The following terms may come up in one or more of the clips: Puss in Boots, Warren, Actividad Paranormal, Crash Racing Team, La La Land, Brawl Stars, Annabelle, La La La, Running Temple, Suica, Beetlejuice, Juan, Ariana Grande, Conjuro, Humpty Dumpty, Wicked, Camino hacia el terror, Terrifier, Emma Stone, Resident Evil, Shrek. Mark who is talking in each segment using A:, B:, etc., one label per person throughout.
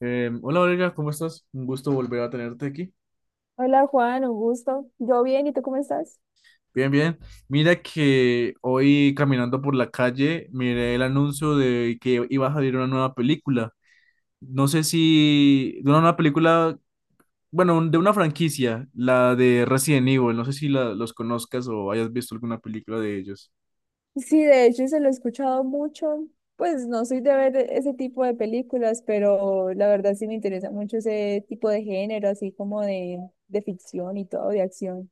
A: Hola Olga, ¿cómo estás? Un gusto volver a tenerte aquí.
B: Hola Juan, un gusto. Yo bien, ¿y tú cómo estás?
A: Bien, bien. Mira que hoy caminando por la calle miré el anuncio de que iba a salir una nueva película. No sé si de una nueva película, bueno, de una franquicia, la de Resident Evil. No sé si los conozcas o hayas visto alguna película de ellos.
B: Sí, de hecho se lo he escuchado mucho. Pues no soy de ver ese tipo de películas, pero la verdad sí me interesa mucho ese tipo de género, así como de ficción y todo, de acción.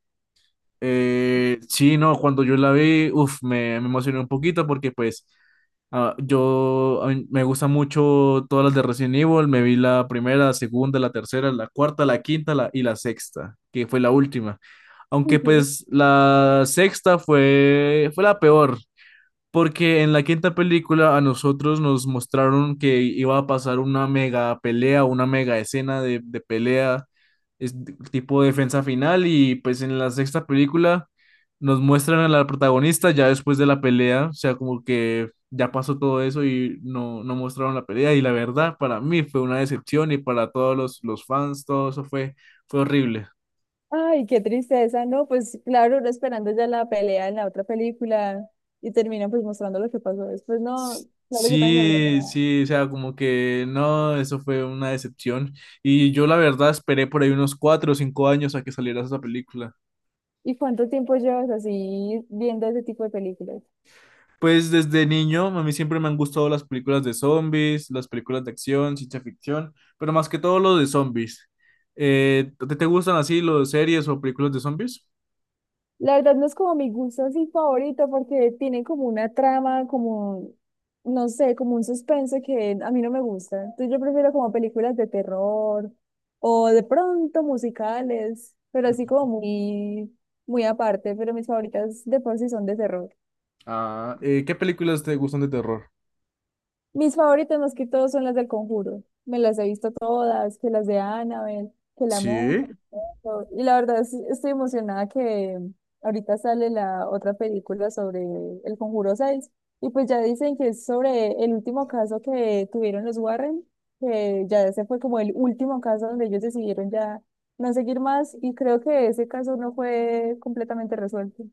A: Sí, no, cuando yo la vi, uf, me emocioné un poquito porque pues yo a mí me gusta mucho todas las de Resident Evil, me vi la primera, la segunda, la tercera, la cuarta, la quinta y la sexta, que fue la última. Aunque
B: Ujú.
A: pues la sexta fue la peor, porque en la quinta película a nosotros nos mostraron que iba a pasar una mega pelea, una mega escena de pelea, es- tipo defensa final, y pues en la sexta película nos muestran a la protagonista ya después de la pelea, o sea, como que ya pasó todo eso y no mostraron la pelea, y la verdad para mí fue una decepción y para todos los fans, todo eso fue horrible.
B: Ay, qué tristeza, ¿no? Pues claro, uno esperando ya la pelea en la otra película y terminan pues mostrando lo que pasó después. No, claro, yo también me habría
A: Sí,
B: enojado.
A: sí, o sea, como que no, eso fue una decepción. Y yo la verdad esperé por ahí unos 4 o 5 años a que saliera esa película.
B: ¿Y cuánto tiempo llevas así viendo ese tipo de películas?
A: Pues desde niño a mí siempre me han gustado las películas de zombies, las películas de acción, ciencia ficción, pero más que todo lo de zombies. ¿Te gustan así los series o películas de zombies?
B: La verdad no es como mi gusto así favorito porque tiene como una trama, como, no sé, como un suspense que a mí no me gusta. Entonces yo prefiero como películas de terror o de pronto musicales, pero así como muy, muy aparte, pero mis favoritas de por sí son de terror.
A: ¿Qué películas te gustan de terror?
B: Mis favoritas más que todo son las del Conjuro. Me las he visto todas, que las de Annabelle, que la monja.
A: Sí.
B: Y todo. Y la verdad estoy emocionada que ahorita sale la otra película sobre el Conjuro 6. Y pues ya dicen que es sobre el último caso que tuvieron los Warren, que ya ese fue como el último caso donde ellos decidieron ya no seguir más. Y creo que ese caso no fue completamente resuelto.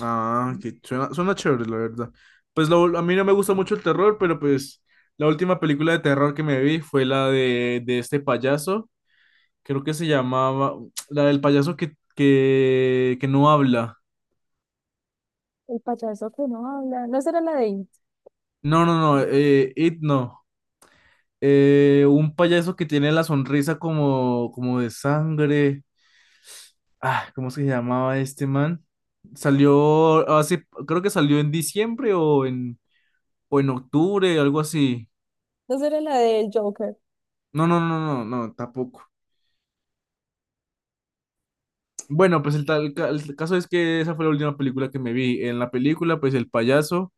A: Que suena chévere, la verdad. Pues a mí no me gusta mucho el terror, pero pues la última película de terror que me vi fue la de este payaso, creo que se llamaba, la del payaso que no habla.
B: El payaso que no habla. ¿No será la de It?
A: No, no, no, It no. Un payaso que tiene la sonrisa como de sangre. Ah, ¿cómo se llamaba este man? Salió hace, creo que salió en diciembre o o en octubre, algo así.
B: ¿No será la del Joker?
A: No, no, no, no, no, tampoco. Bueno, pues el caso es que esa fue la última película que me vi. En la película, pues el payaso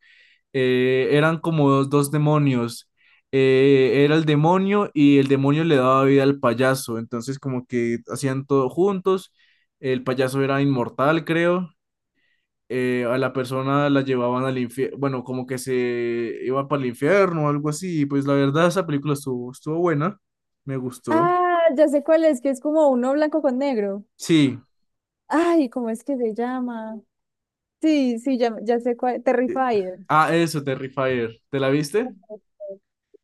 A: eran como dos demonios. Era el demonio y el demonio le daba vida al payaso. Entonces, como que hacían todo juntos. El payaso era inmortal, creo. A la persona la llevaban al infierno. Bueno, como que se iba para el infierno o algo así. Y pues la verdad, esa película estuvo buena. Me gustó.
B: Ah, ya sé cuál es, que es como uno blanco con negro.
A: Sí.
B: Ay, ¿cómo es que se llama? Sí, sí, ya, ya sé cuál. Terrifier.
A: Ah, eso, Terrifier. ¿Te la viste?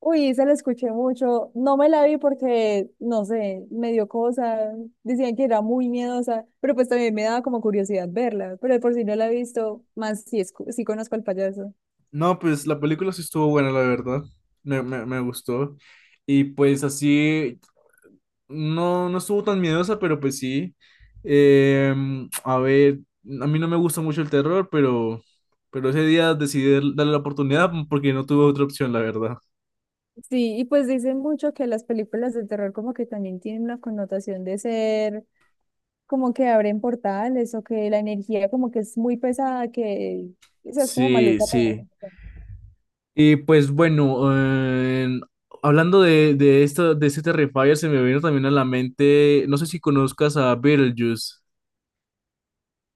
B: Uy, esa la escuché mucho. No me la vi porque, no sé, me dio cosa. Decían que era muy miedosa, pero pues también me daba como curiosidad verla. Pero de por si no la he visto, más si, si conozco al payaso.
A: No, pues la película sí estuvo buena, la verdad. Me gustó. Y pues así, no estuvo tan miedosa, pero pues sí. A ver, a mí no me gusta mucho el terror, pero ese día decidí darle la oportunidad porque no tuve otra opción, la verdad.
B: Sí, y pues dicen mucho que las películas de terror como que también tienen una connotación de ser como que abren portales o que la energía como que es muy pesada, que quizás es como
A: Sí,
B: maluca.
A: sí.
B: Uno.
A: Y pues bueno, em, hablando de esto, de este Terrifier, se me vino también a la mente, no sé si conozcas a Beetlejuice.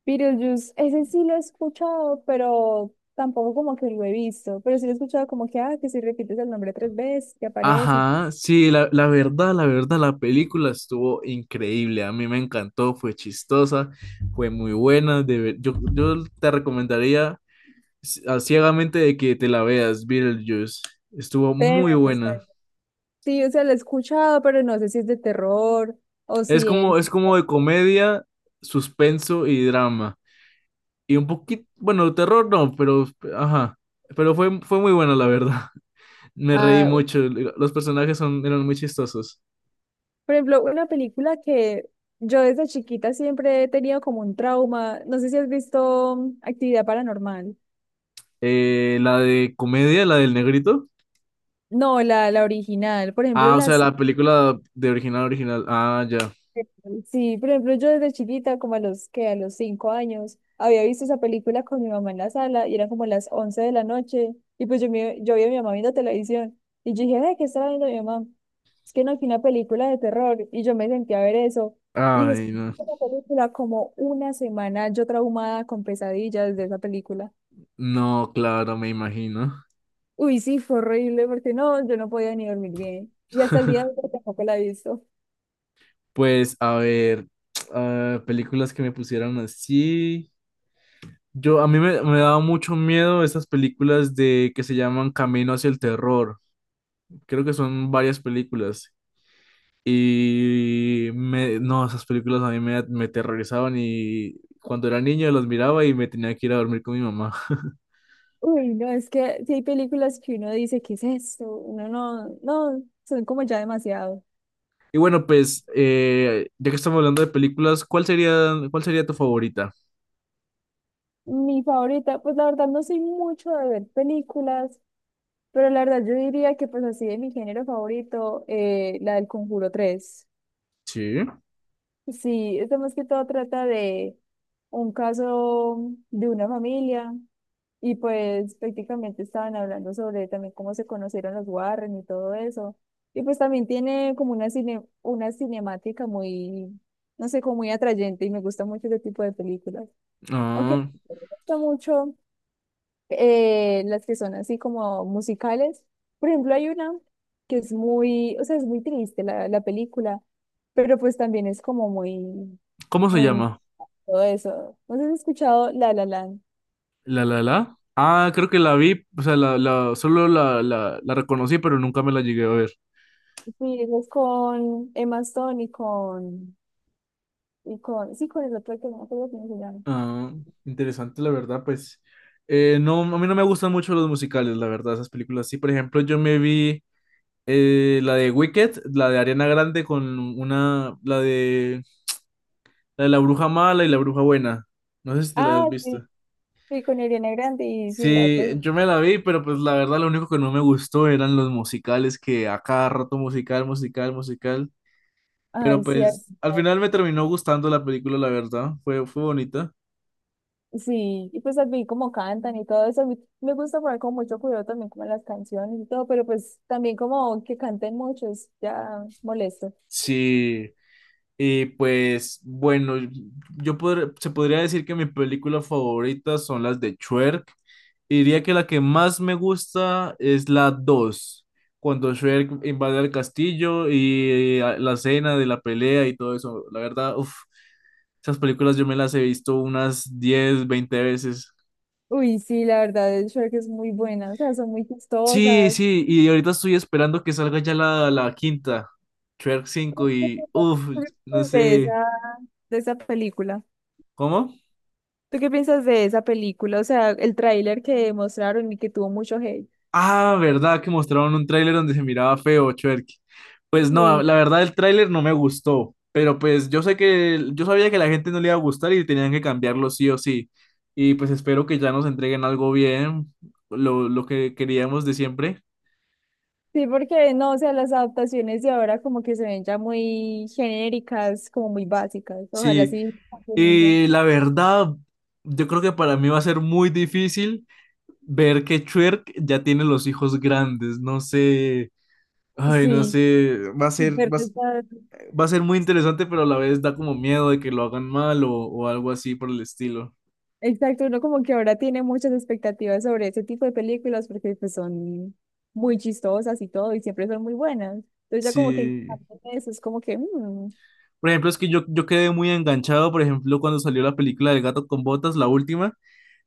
B: Beetlejuice, ese sí lo he escuchado, pero tampoco como que lo he visto, pero sí lo he escuchado como que, ah, que si repites el nombre 3 veces, que aparece y...
A: Ajá, sí, la verdad, la película estuvo increíble, a mí me encantó, fue chistosa, fue muy buena, yo te recomendaría ciegamente de que te la veas, Beetlejuice, estuvo muy
B: Teme, pues, tal.
A: buena,
B: Sí, o sea, lo he escuchado, pero no sé si es de terror o
A: es
B: si
A: como,
B: es...
A: es como de comedia, suspenso y drama, y un poquito, bueno, terror no, pero, ajá, fue muy buena la verdad, me reí
B: Ah,
A: mucho, los personajes eran muy chistosos.
B: por ejemplo, una película que yo desde chiquita siempre he tenido como un trauma. No sé si has visto Actividad Paranormal.
A: La de comedia, la del negrito.
B: No, la original. Por ejemplo,
A: Ah, o sea,
B: las
A: la película de original, original. Ah, ya.
B: sí, por ejemplo, yo desde chiquita, como a los 5 años, había visto esa película con mi mamá en la sala y eran como las 11 de la noche. Y pues yo vi a mi mamá viendo televisión y yo dije, ay, ¿qué estaba viendo mi mamá? Es que no, fue una película de terror y yo me senté a ver eso. Y
A: Ay,
B: después
A: no.
B: de la película, como una semana, yo traumada con pesadillas de esa película.
A: No, claro, me imagino.
B: Uy, sí, fue horrible porque no, yo no podía ni dormir bien. Y hasta el día de hoy tampoco la he visto.
A: Pues, a ver, películas que me pusieran así. A mí me daba mucho miedo esas películas de que se llaman Camino hacia el terror. Creo que son varias películas. Y me, no, Esas películas a mí me aterrorizaban y cuando era niño las miraba y me tenía que ir a dormir con mi mamá.
B: Uy, no, es que si hay películas que uno dice, ¿qué es esto? Uno no, no, son como ya demasiado.
A: Y bueno, pues, ya que estamos hablando de películas, ¿cuál sería tu favorita?
B: Mi favorita, pues la verdad no soy mucho de ver películas, pero la verdad yo diría que pues así de mi género favorito, la del Conjuro 3.
A: Sí.
B: Sí, esto más que todo trata de un caso de una familia. Y pues prácticamente estaban hablando sobre también cómo se conocieron los Warren y todo eso. Y pues también tiene como una una cinemática muy, no sé, como muy atrayente y me gusta mucho ese tipo de películas. Aunque
A: Ah,
B: me gusta mucho las que son así como musicales. Por ejemplo, hay una que es muy, o sea, es muy triste la película, pero pues también es como muy,
A: ¿cómo se
B: muy,
A: llama?
B: todo eso. ¿No sé si has escuchado La La Land?
A: La La La. Ah, creo que la vi, o sea, solo la reconocí, pero nunca me la llegué a ver.
B: Sí, eso es con Emma Stone con el otro que no me acuerdo cómo se llama.
A: Ah, interesante, la verdad, pues. No, a mí no me gustan mucho los musicales, la verdad, esas películas. Sí, por ejemplo, yo me vi la de Wicked, la de Ariana Grande la de la bruja mala y la bruja buena. No sé si te la
B: Ah,
A: has
B: sí,
A: visto.
B: sí, con Ariana Grande y sí, la otra.
A: Sí, yo me la vi, pero pues la verdad lo único que no me gustó eran los musicales, que a cada rato musical, musical, musical. Pero
B: Ay, cierto.
A: pues al final me terminó gustando la película, la verdad. Fue bonita.
B: Sí, y pues vi como cantan y todo eso, a mí me gusta poner como mucho cuidado también como en las canciones y todo, pero pues también como que canten mucho es ya molesto.
A: Sí. Y pues bueno, se podría decir que mis películas favoritas son las de Shrek. Y diría que la que más me gusta es la 2 cuando Shrek invade el castillo y la escena de la pelea y todo eso. La verdad, uff, esas películas yo me las he visto unas 10 20 veces.
B: Uy, sí, la verdad, el Shrek es muy buena, o sea, son muy
A: Sí,
B: chistosas.
A: sí, y ahorita estoy esperando que salga ya la quinta, Shrek 5 y uff, no
B: De
A: sé,
B: esa, de esa película.
A: ¿cómo?
B: ¿Tú qué piensas de esa película? O sea, el tráiler que mostraron y que tuvo mucho hate.
A: Ah, verdad que mostraron un tráiler donde se miraba feo, Chuerk. Pues no,
B: Sí,
A: la verdad el tráiler no me gustó, pero pues yo sé que yo sabía que a la gente no le iba a gustar y tenían que cambiarlo sí o sí. Y pues espero que ya nos entreguen algo bien, lo que queríamos de siempre.
B: sí, porque no, o sea, las adaptaciones de ahora como que se ven ya muy genéricas, como muy básicas. Ojalá
A: Sí,
B: sí.
A: y la verdad, yo creo que para mí va a ser muy difícil ver que Chuerk ya tiene los hijos grandes, no sé. Ay, no
B: Sí,
A: sé, va a ser,
B: ver
A: va a-
B: que
A: va a ser muy interesante, pero a la vez da como miedo de que lo hagan mal o algo así por el estilo.
B: exacto, uno como que ahora tiene muchas expectativas sobre ese tipo de películas porque pues son muy chistosas y todo y siempre son muy buenas. Entonces ya como que
A: Sí.
B: parte de eso es como que, mm,
A: Por ejemplo, es que yo quedé muy enganchado, por ejemplo, cuando salió la película del gato con botas, la última,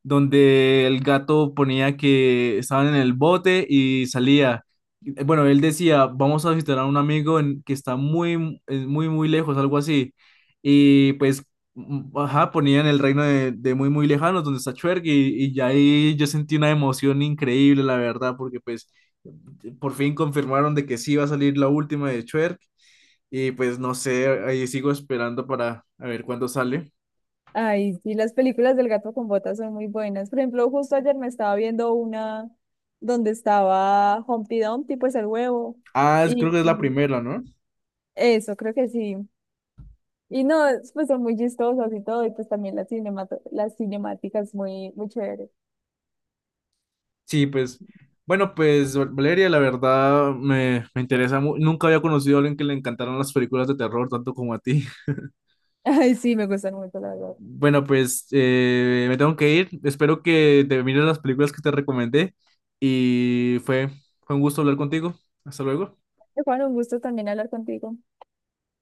A: donde el gato ponía que estaban en el bote y salía. Bueno, él decía, vamos a visitar a un amigo que está muy, muy, muy lejos, algo así. Y pues, ajá, ponía en el reino de muy, muy lejanos, donde está Chuerg, y ya ahí yo sentí una emoción increíble, la verdad, porque pues por fin confirmaron de que sí iba a salir la última de Chuerg. Y pues no sé, ahí sigo esperando para a ver cuándo sale.
B: ay, sí, las películas del gato con botas son muy buenas. Por ejemplo, justo ayer me estaba viendo una donde estaba Humpty Dumpty, pues el huevo.
A: Ah, creo
B: Y
A: que es la primera, ¿no?
B: eso, creo que sí. Y no, pues son muy chistosas y todo, y pues también las las cinemáticas muy, muy chéveres.
A: Sí, pues, bueno, pues Valeria, la verdad me interesa mucho. Nunca había conocido a alguien que le encantaran las películas de terror tanto como a ti.
B: Ay, sí, me gustan mucho, la verdad.
A: Bueno, pues me tengo que ir. Espero que te mires las películas que te recomendé y fue un gusto hablar contigo. Hasta luego.
B: Juan, un gusto también hablar contigo.